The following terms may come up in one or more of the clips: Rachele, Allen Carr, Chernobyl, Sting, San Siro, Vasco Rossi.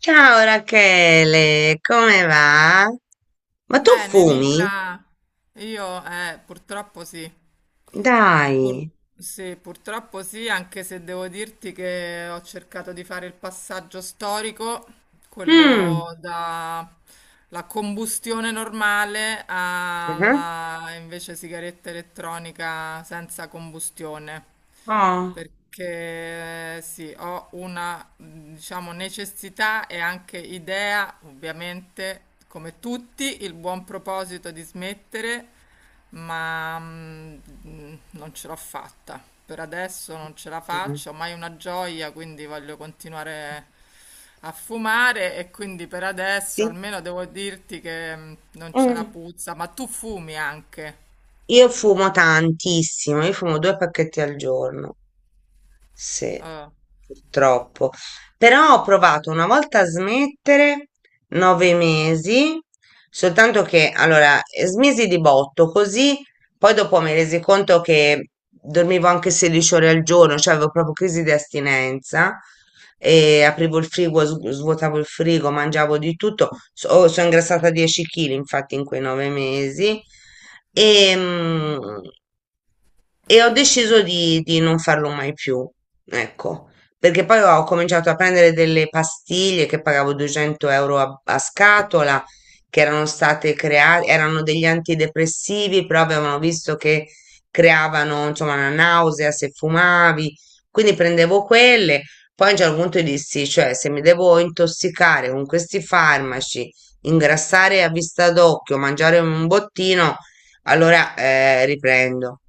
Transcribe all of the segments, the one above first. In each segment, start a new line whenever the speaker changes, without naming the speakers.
Ciao Rachele, come va? Ma tu
Bene,
fumi?
Nicla, io purtroppo sì. Pur-
Dai.
sì, purtroppo sì, anche se devo dirti che ho cercato di fare il passaggio storico
Mm.
quello da la combustione normale
Mhm.
alla invece sigaretta elettronica senza combustione.
Oh.
Perché sì, ho una, diciamo, necessità e anche idea, ovviamente, come tutti, il buon proposito di smettere, ma non ce l'ho fatta. Per adesso non ce la
Mm.
faccio, mai una gioia, quindi voglio continuare a fumare e quindi per adesso
Sì.
almeno devo dirti che non c'è la
Mm.
puzza, ma tu fumi anche.
Io fumo tantissimo, io fumo due pacchetti al giorno. Sì,
Eh.
purtroppo. Però ho provato una volta a smettere 9 mesi, soltanto che allora smisi di botto, così poi dopo mi resi conto che dormivo anche 16 ore al giorno, cioè avevo proprio crisi di astinenza e aprivo il frigo, svuotavo il frigo, mangiavo di tutto. Sono ingrassata 10 kg infatti in quei 9 mesi. E, e ho deciso di non farlo mai più, ecco, perché poi ho cominciato a prendere delle pastiglie che pagavo 200 euro a scatola, che erano state create, erano degli antidepressivi, però avevano visto che creavano, insomma, una nausea se fumavi, quindi prendevo quelle, poi a un certo punto dissi, cioè, se mi devo intossicare con questi farmaci, ingrassare a vista d'occhio, mangiare un bottino, allora riprendo.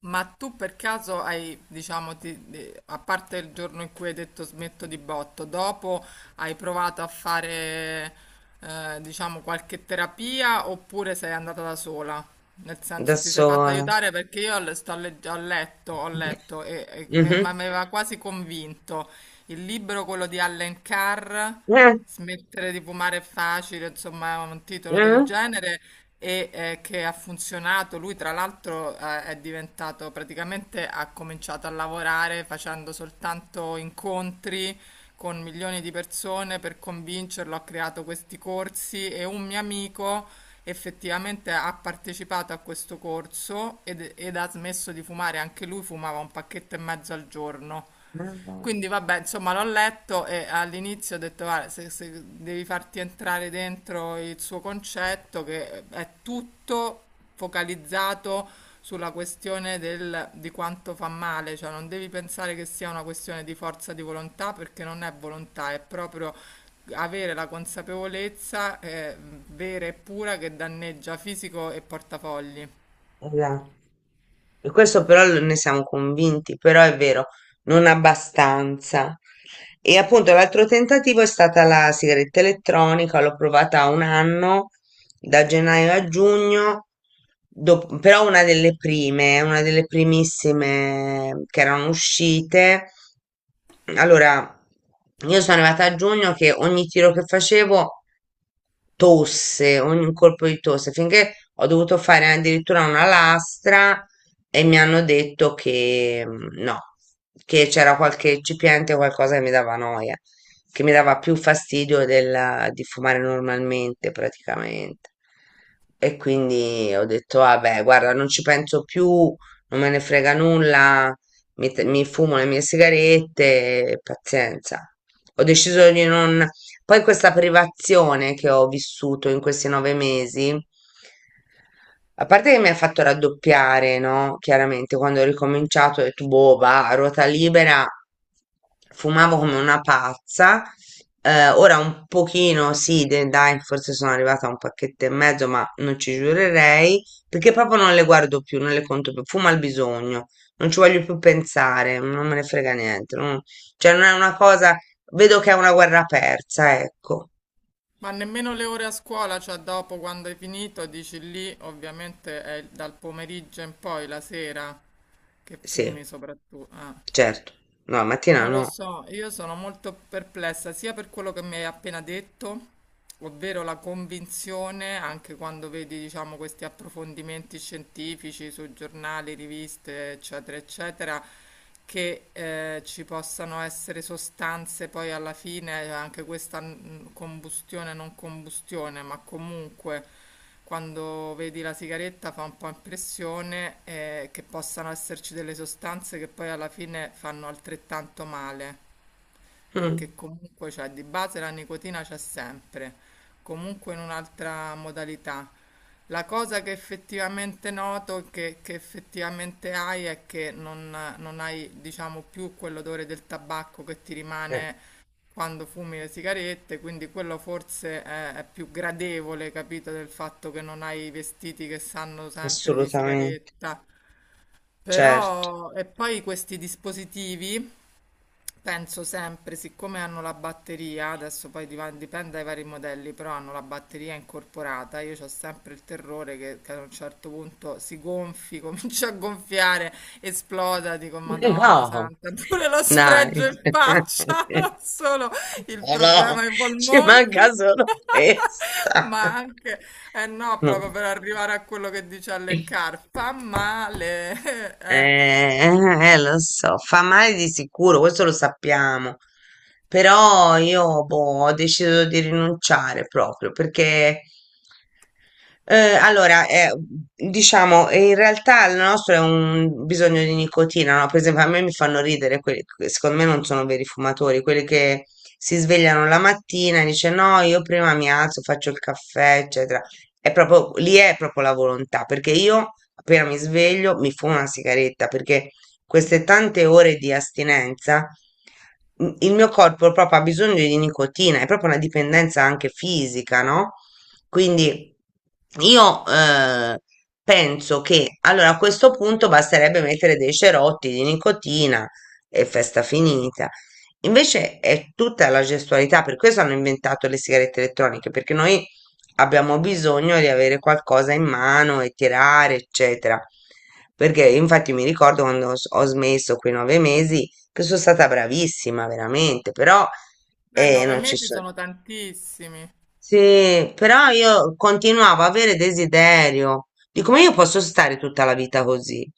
Ma tu per caso hai, diciamo, a parte il giorno in cui hai detto smetto di botto, dopo hai provato a fare, diciamo, qualche terapia oppure sei andata da sola? Nel
Da
senso ti sei fatta
sola.
aiutare perché io ho letto,
Mh-mh.
ma mi aveva quasi convinto il libro, quello di Allen Carr.
Eh.
Smettere di fumare è facile, insomma, è un titolo del
Eh.
genere che ha funzionato. Lui, tra l'altro, è diventato praticamente ha cominciato a lavorare facendo soltanto incontri con milioni di persone per convincerlo. Ha creato questi corsi e un mio amico effettivamente ha partecipato a questo corso ed ha smesso di fumare. Anche lui fumava un pacchetto e mezzo al giorno.
Eh.
Quindi vabbè, insomma, l'ho letto e all'inizio ho detto, "Guarda, se, se devi farti entrare dentro il suo concetto, che è tutto focalizzato sulla questione di quanto fa male, cioè non devi pensare che sia una questione di forza di volontà, perché non è volontà, è proprio avere la consapevolezza vera e pura che danneggia fisico e portafogli.
Esatto. E questo però ne siamo convinti, però è vero, non abbastanza. E appunto l'altro tentativo è stata la sigaretta elettronica, l'ho provata un anno, da gennaio a giugno, però una delle prime, una delle primissime che erano uscite. Allora, io sono arrivata a giugno che ogni tiro che facevo tosse, ogni colpo di tosse, finché ho dovuto fare addirittura una lastra e mi hanno detto che no, che c'era qualche eccipiente o qualcosa che mi dava noia, che mi dava più fastidio di fumare normalmente praticamente. E quindi ho detto, vabbè, guarda, non ci penso più, non me ne frega nulla, mi fumo le mie sigarette, pazienza. Ho deciso di non. Poi questa privazione che ho vissuto in questi 9 mesi, a parte che mi ha fatto raddoppiare, no? Chiaramente, quando ho ricominciato, ho detto, boh, va, a ruota libera, fumavo come una pazza. Ora un pochino, sì, dai, forse sono arrivata a un pacchetto e mezzo, ma non ci giurerei, perché proprio non le guardo più, non le conto più, fumo al bisogno, non ci voglio più pensare, non me ne frega niente, cioè non è una cosa, vedo che è una guerra persa, ecco,
Ma nemmeno le ore a scuola, cioè dopo quando hai finito, dici lì, ovviamente è dal pomeriggio in poi, la sera, che fumi
sì,
soprattutto. Ah.
certo, no, la mattina
Non lo
no.
so, io sono molto perplessa sia per quello che mi hai appena detto, ovvero la convinzione, anche quando vedi, diciamo, questi approfondimenti scientifici su giornali, riviste, eccetera, eccetera, che ci possano essere sostanze poi alla fine, anche questa combustione, non combustione, ma comunque quando vedi la sigaretta fa un po' impressione che possano esserci delle sostanze che poi alla fine fanno altrettanto male
Mm.
perché comunque c'è di base la nicotina c'è sempre, comunque in un'altra modalità. La cosa che effettivamente noto, che effettivamente hai, è che non hai, diciamo, più quell'odore del tabacco che ti
Eh.
rimane quando fumi le sigarette, quindi quello forse è più gradevole, capito, del fatto che non hai i vestiti che sanno sempre di
Assolutamente,
sigaretta.
certo.
Però, e poi questi dispositivi. Penso sempre, siccome hanno la batteria, adesso poi dipende dai vari modelli, però hanno la batteria incorporata, io ho sempre il terrore che a un certo punto si gonfi, comincia a gonfiare, esploda, dico Madonna
No,
Santa, pure lo
dai.
sfregio in faccia, non solo il
No, no,
problema ai
ci
polmoni.
manca solo questa.
Ma anche, eh no,
No.
proprio per arrivare a quello che dice Allen
Eh,
Carr, fa male.
eh, lo so, fa male di sicuro, questo lo sappiamo. Però io boh, ho deciso di rinunciare proprio perché allora, diciamo, in realtà il nostro è un bisogno di nicotina, no? Per esempio, a me mi fanno ridere quelli, che secondo me non sono veri fumatori, quelli che si svegliano la mattina e dice no, io prima mi alzo, faccio il caffè, eccetera. È proprio, lì è proprio la volontà, perché io appena mi sveglio mi fumo una sigaretta, perché queste tante ore di astinenza, il mio corpo proprio ha bisogno di nicotina, è proprio una dipendenza anche fisica, no? Quindi io penso che allora a questo punto basterebbe mettere dei cerotti di nicotina e festa finita. Invece è tutta la gestualità, per questo hanno inventato le sigarette elettroniche, perché noi abbiamo bisogno di avere qualcosa in mano e tirare, eccetera. Perché infatti mi ricordo quando ho smesso quei 9 mesi che sono stata bravissima, veramente, però
Nove
non ci
mesi
so-
sono tantissimi.
sì, però io continuavo a avere desiderio. Dico, ma io posso stare tutta la vita così.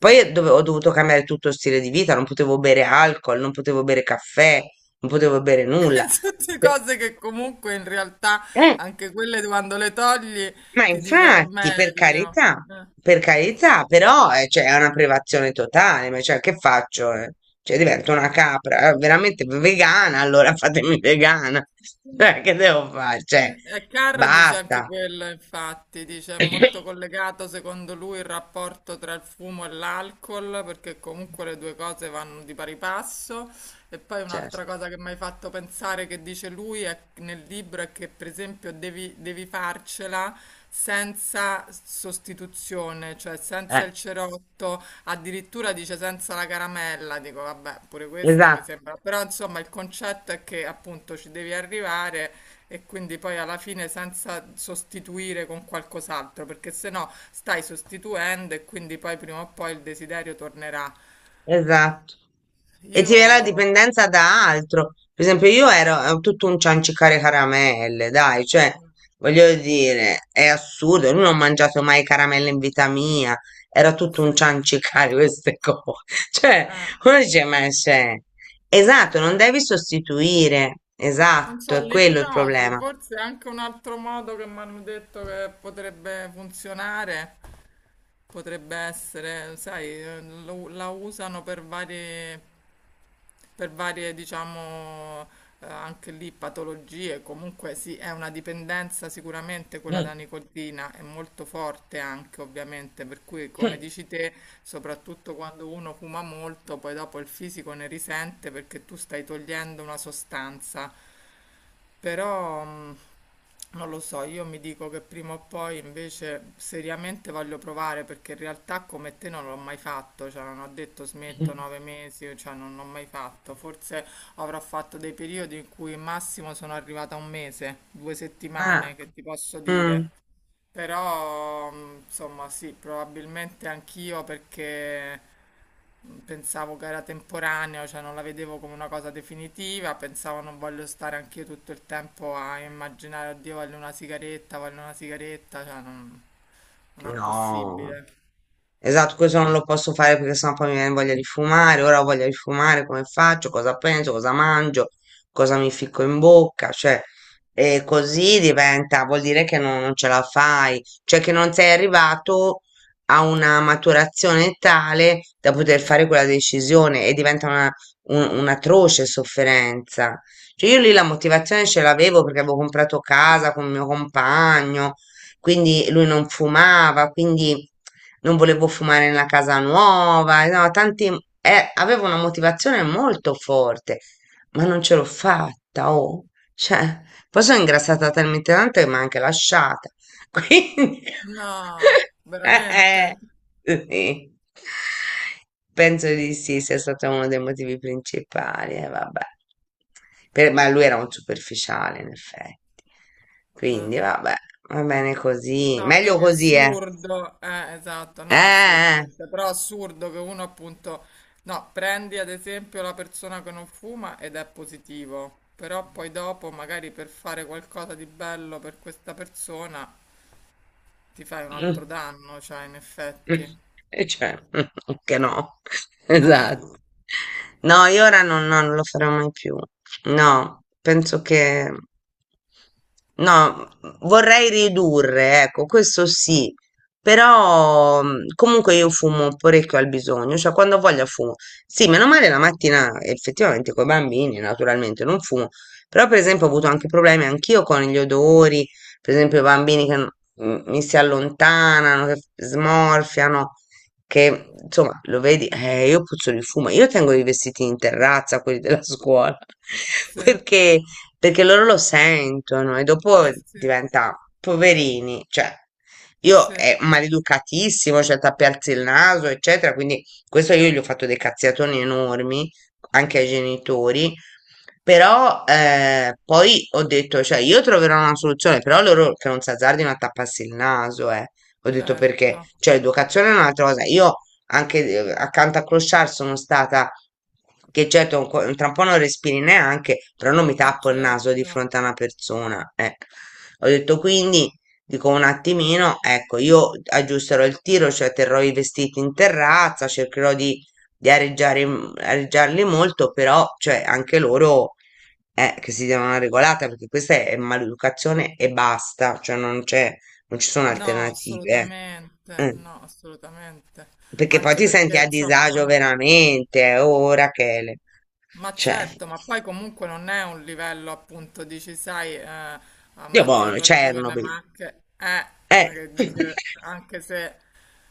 Sì.
io ho dovuto cambiare tutto stile di vita, non potevo bere alcol, non potevo bere caffè, non potevo bere nulla.
Tutte
Pe-
cose che comunque in realtà
eh,
anche quelle quando le togli
ma
ti dicono è
infatti,
meglio. Eh,
per carità, però cioè, è una privazione totale, ma cioè, che faccio? Eh? Cioè, divento una capra, veramente vegana, allora fatemi vegana.
sì.
Cioè, che devo fare? Cioè,
E Carr dice anche
basta.
quello, infatti, dice è molto collegato secondo lui il rapporto tra il fumo e l'alcol, perché comunque le due cose vanno di pari passo. E poi un'altra
Certo,
cosa che mi hai fatto pensare che dice lui nel libro è che per esempio devi farcela senza sostituzione, cioè senza
eh,
il cerotto, addirittura dice senza la caramella, dico vabbè, pure questo mi
esatto,
sembra, però insomma il concetto è che appunto ci devi arrivare e quindi poi alla fine senza sostituire con qualcos'altro, perché se no stai sostituendo e quindi poi prima o poi il desiderio tornerà.
esatto. E ti viene la
Io...
dipendenza da altro. Per esempio, io ero tutto un ciancicare caramelle, dai, cioè,
Mm,
voglio dire, è assurdo, io non ho mangiato mai caramelle in vita mia, era tutto un
sì.
ciancicare queste cose. Cioè,
Eh.
uno dice, ma c'è. Esatto, non devi sostituire,
Non
esatto,
so,
è quello il
l'ipnosi,
problema.
forse è anche un altro modo che mi hanno detto che potrebbe funzionare, potrebbe essere, sai, la usano per varie, diciamo, anche lì patologie, comunque sì, è una dipendenza sicuramente quella
Mm.
da nicotina, è molto forte anche rapidamente, per cui come dici te, soprattutto quando uno fuma molto, poi dopo il fisico ne risente perché tu stai togliendo una sostanza. Però non lo so, io mi dico che prima o poi invece seriamente voglio provare perché in realtà come te non l'ho mai fatto, cioè non ho detto smetto nove mesi, cioè non l'ho mai fatto. Forse avrò fatto dei periodi in cui massimo sono arrivata a un mese, due settimane,
Ah,
che ti posso
mm,
dire. Però, insomma, sì, probabilmente anch'io perché pensavo che era temporaneo, cioè non la vedevo come una cosa definitiva, pensavo non voglio stare anch'io tutto il tempo a immaginare, oddio, voglio una sigaretta, cioè non, non è
no.
possibile.
Esatto, questo non lo posso fare perché sennò poi mi viene voglia di fumare, ora ho voglia di fumare, come faccio, cosa penso, cosa mangio, cosa mi ficco in bocca, cioè, e così diventa, vuol dire che non ce la fai, cioè che non sei arrivato a una maturazione tale da poter
Sì.
fare quella decisione e diventa un'atroce sofferenza. Cioè io lì la motivazione ce l'avevo perché avevo comprato casa con mio compagno, quindi lui non fumava, quindi non volevo fumare nella casa nuova, no, tanti, avevo una motivazione molto forte, ma non ce l'ho fatta, oh. Cioè, poi sono ingrassata talmente tanto che mi ha anche lasciata. Quindi,
No, veramente?
eh, sì. Penso di sì, sia stato uno dei motivi principali, vabbè. Ma lui era un superficiale, in effetti.
Eh.
Quindi, vabbè, va bene così.
No,
Meglio
vedi,
così, eh.
assurdo, esatto, no,
Eh.
assolutamente, però assurdo che uno appunto, no, prendi ad esempio la persona che non fuma ed è positivo, però poi dopo magari per fare qualcosa di bello per questa persona ti fai un altro
Mm,
danno, cioè in
mm.
effetti.
E cioè, che no,
Eh,
esatto. No, io ora non, no, non lo farò mai più. No, penso che. No, vorrei ridurre, ecco, questo sì, però comunque io fumo parecchio al bisogno, cioè quando voglio fumo. Sì, meno male la mattina effettivamente con i bambini, naturalmente non fumo, però per esempio ho avuto anche problemi anch'io con gli odori, per esempio i bambini che mi si allontanano, che smorfiano, che insomma lo vedi, io puzzo di fumo, io tengo i vestiti in terrazza, quelli della scuola,
sì, eh
perché, perché loro lo sentono e dopo
sì,
diventa poverini, cioè io
sì,
è maleducatissimo, cioè tappi alzi il naso, eccetera, quindi questo io gli ho fatto dei cazziatoni enormi anche ai genitori. Però poi ho detto, cioè io troverò una soluzione, però loro che non si azzardino a tapparsi il naso, eh. Ho detto perché,
certo,
cioè l'educazione è un'altra cosa. Io anche accanto a Clochard sono stata, che certo tra un po' non respiri neanche, però non mi
eh
tappo il naso di
certo.
fronte a una persona. Eh. Ho detto quindi, dico un attimino, ecco, io aggiusterò il tiro, cioè terrò i vestiti in terrazza, cercherò di areggiare, areggiarli molto, però cioè, anche loro che si devono una regolata perché questa è maleducazione e basta, cioè non c'è, non ci sono
No,
alternative. Eh.
assolutamente,
Mm.
no, assolutamente.
Perché poi
Anche
ti senti
perché,
a
insomma,
disagio
non...
veramente, oh Rachele.
Ma
Cioè,
certo, ma poi comunque non è un livello appunto, dici, sai, a
Dio
maggior
buono,
ragione,
Chernobyl.
ma anche, ma
Eh.
che dice, anche se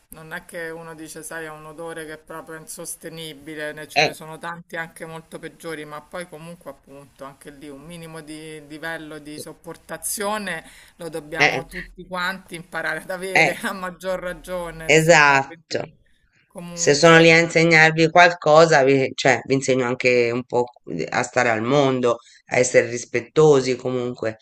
non è che uno dice, sai, ha un odore che è proprio insostenibile, ce
Eh,
ne sono tanti anche molto peggiori, ma poi comunque appunto anche lì un minimo di livello di sopportazione lo
eh,
dobbiamo tutti quanti imparare ad avere,
eh.
a maggior ragione, insomma, quindi
Esatto. Se sono lì
comunque,
a insegnarvi qualcosa, cioè, vi insegno anche un po' a stare al mondo, a essere rispettosi comunque,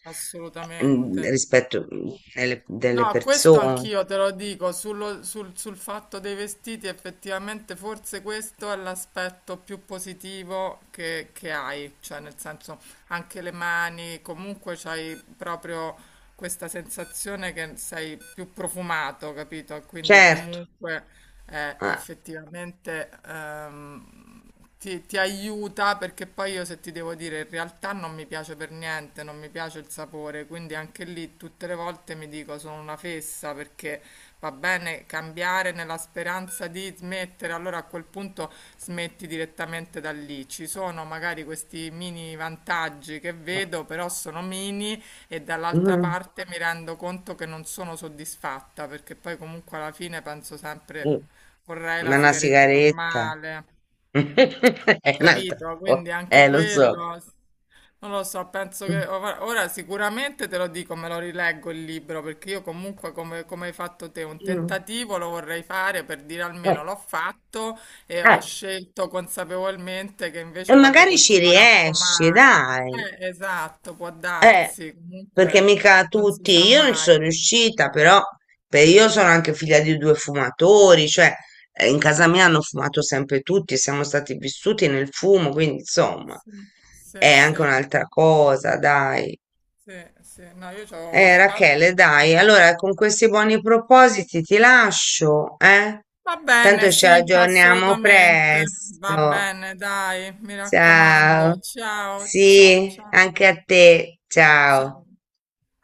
assolutamente.
rispetto delle
No, questo
persone.
anch'io te lo dico, sul fatto dei vestiti effettivamente forse questo è l'aspetto più positivo che hai, cioè nel senso anche le mani, comunque c'hai proprio questa sensazione che sei più profumato, capito? Quindi
Certo.
comunque è
Ah,
effettivamente ti aiuta perché poi io se ti devo dire in realtà non mi piace per niente, non mi piace il sapore, quindi anche lì tutte le volte mi dico sono una fessa perché va bene cambiare nella speranza di smettere, allora a quel punto smetti direttamente da lì. Ci sono magari questi mini vantaggi che vedo, però sono mini e dall'altra
mm,
parte mi rendo conto che non sono soddisfatta perché poi comunque alla fine penso sempre
mm.
vorrei la
Ma una
sigaretta
sigaretta
normale.
è un'altra
Capito,
cosa.
quindi anche
Lo so.
quello, non lo so, penso che
Mm,
ora sicuramente te lo dico, me lo rileggo il libro, perché io comunque come, come hai fatto te, un
mm,
tentativo lo vorrei fare per dire
eh,
almeno l'ho fatto e ho
eh.
scelto consapevolmente che
E
invece voglio
magari ci
continuare a
riesci,
fumare.
dai.
Esatto, può
Eh.
darsi,
Perché
comunque
mica
non si sa
tutti, io non ci sono
mai.
riuscita, però io sono anche figlia di due fumatori, cioè in casa mia hanno fumato sempre tutti, siamo stati vissuti nel fumo, quindi insomma
Sì, sì,
è anche
sì,
un'altra cosa, dai.
sì, sì. No, io ho mio padre. Che
Rachele, dai, allora con questi buoni propositi ti lascio, eh?
va bene,
Tanto ci
sì,
aggiorniamo
assolutamente. Va
presto.
bene, dai, mi
Ciao.
raccomando. Ciao, ciao,
Sì,
ciao,
anche a te. Ciao.
ciao.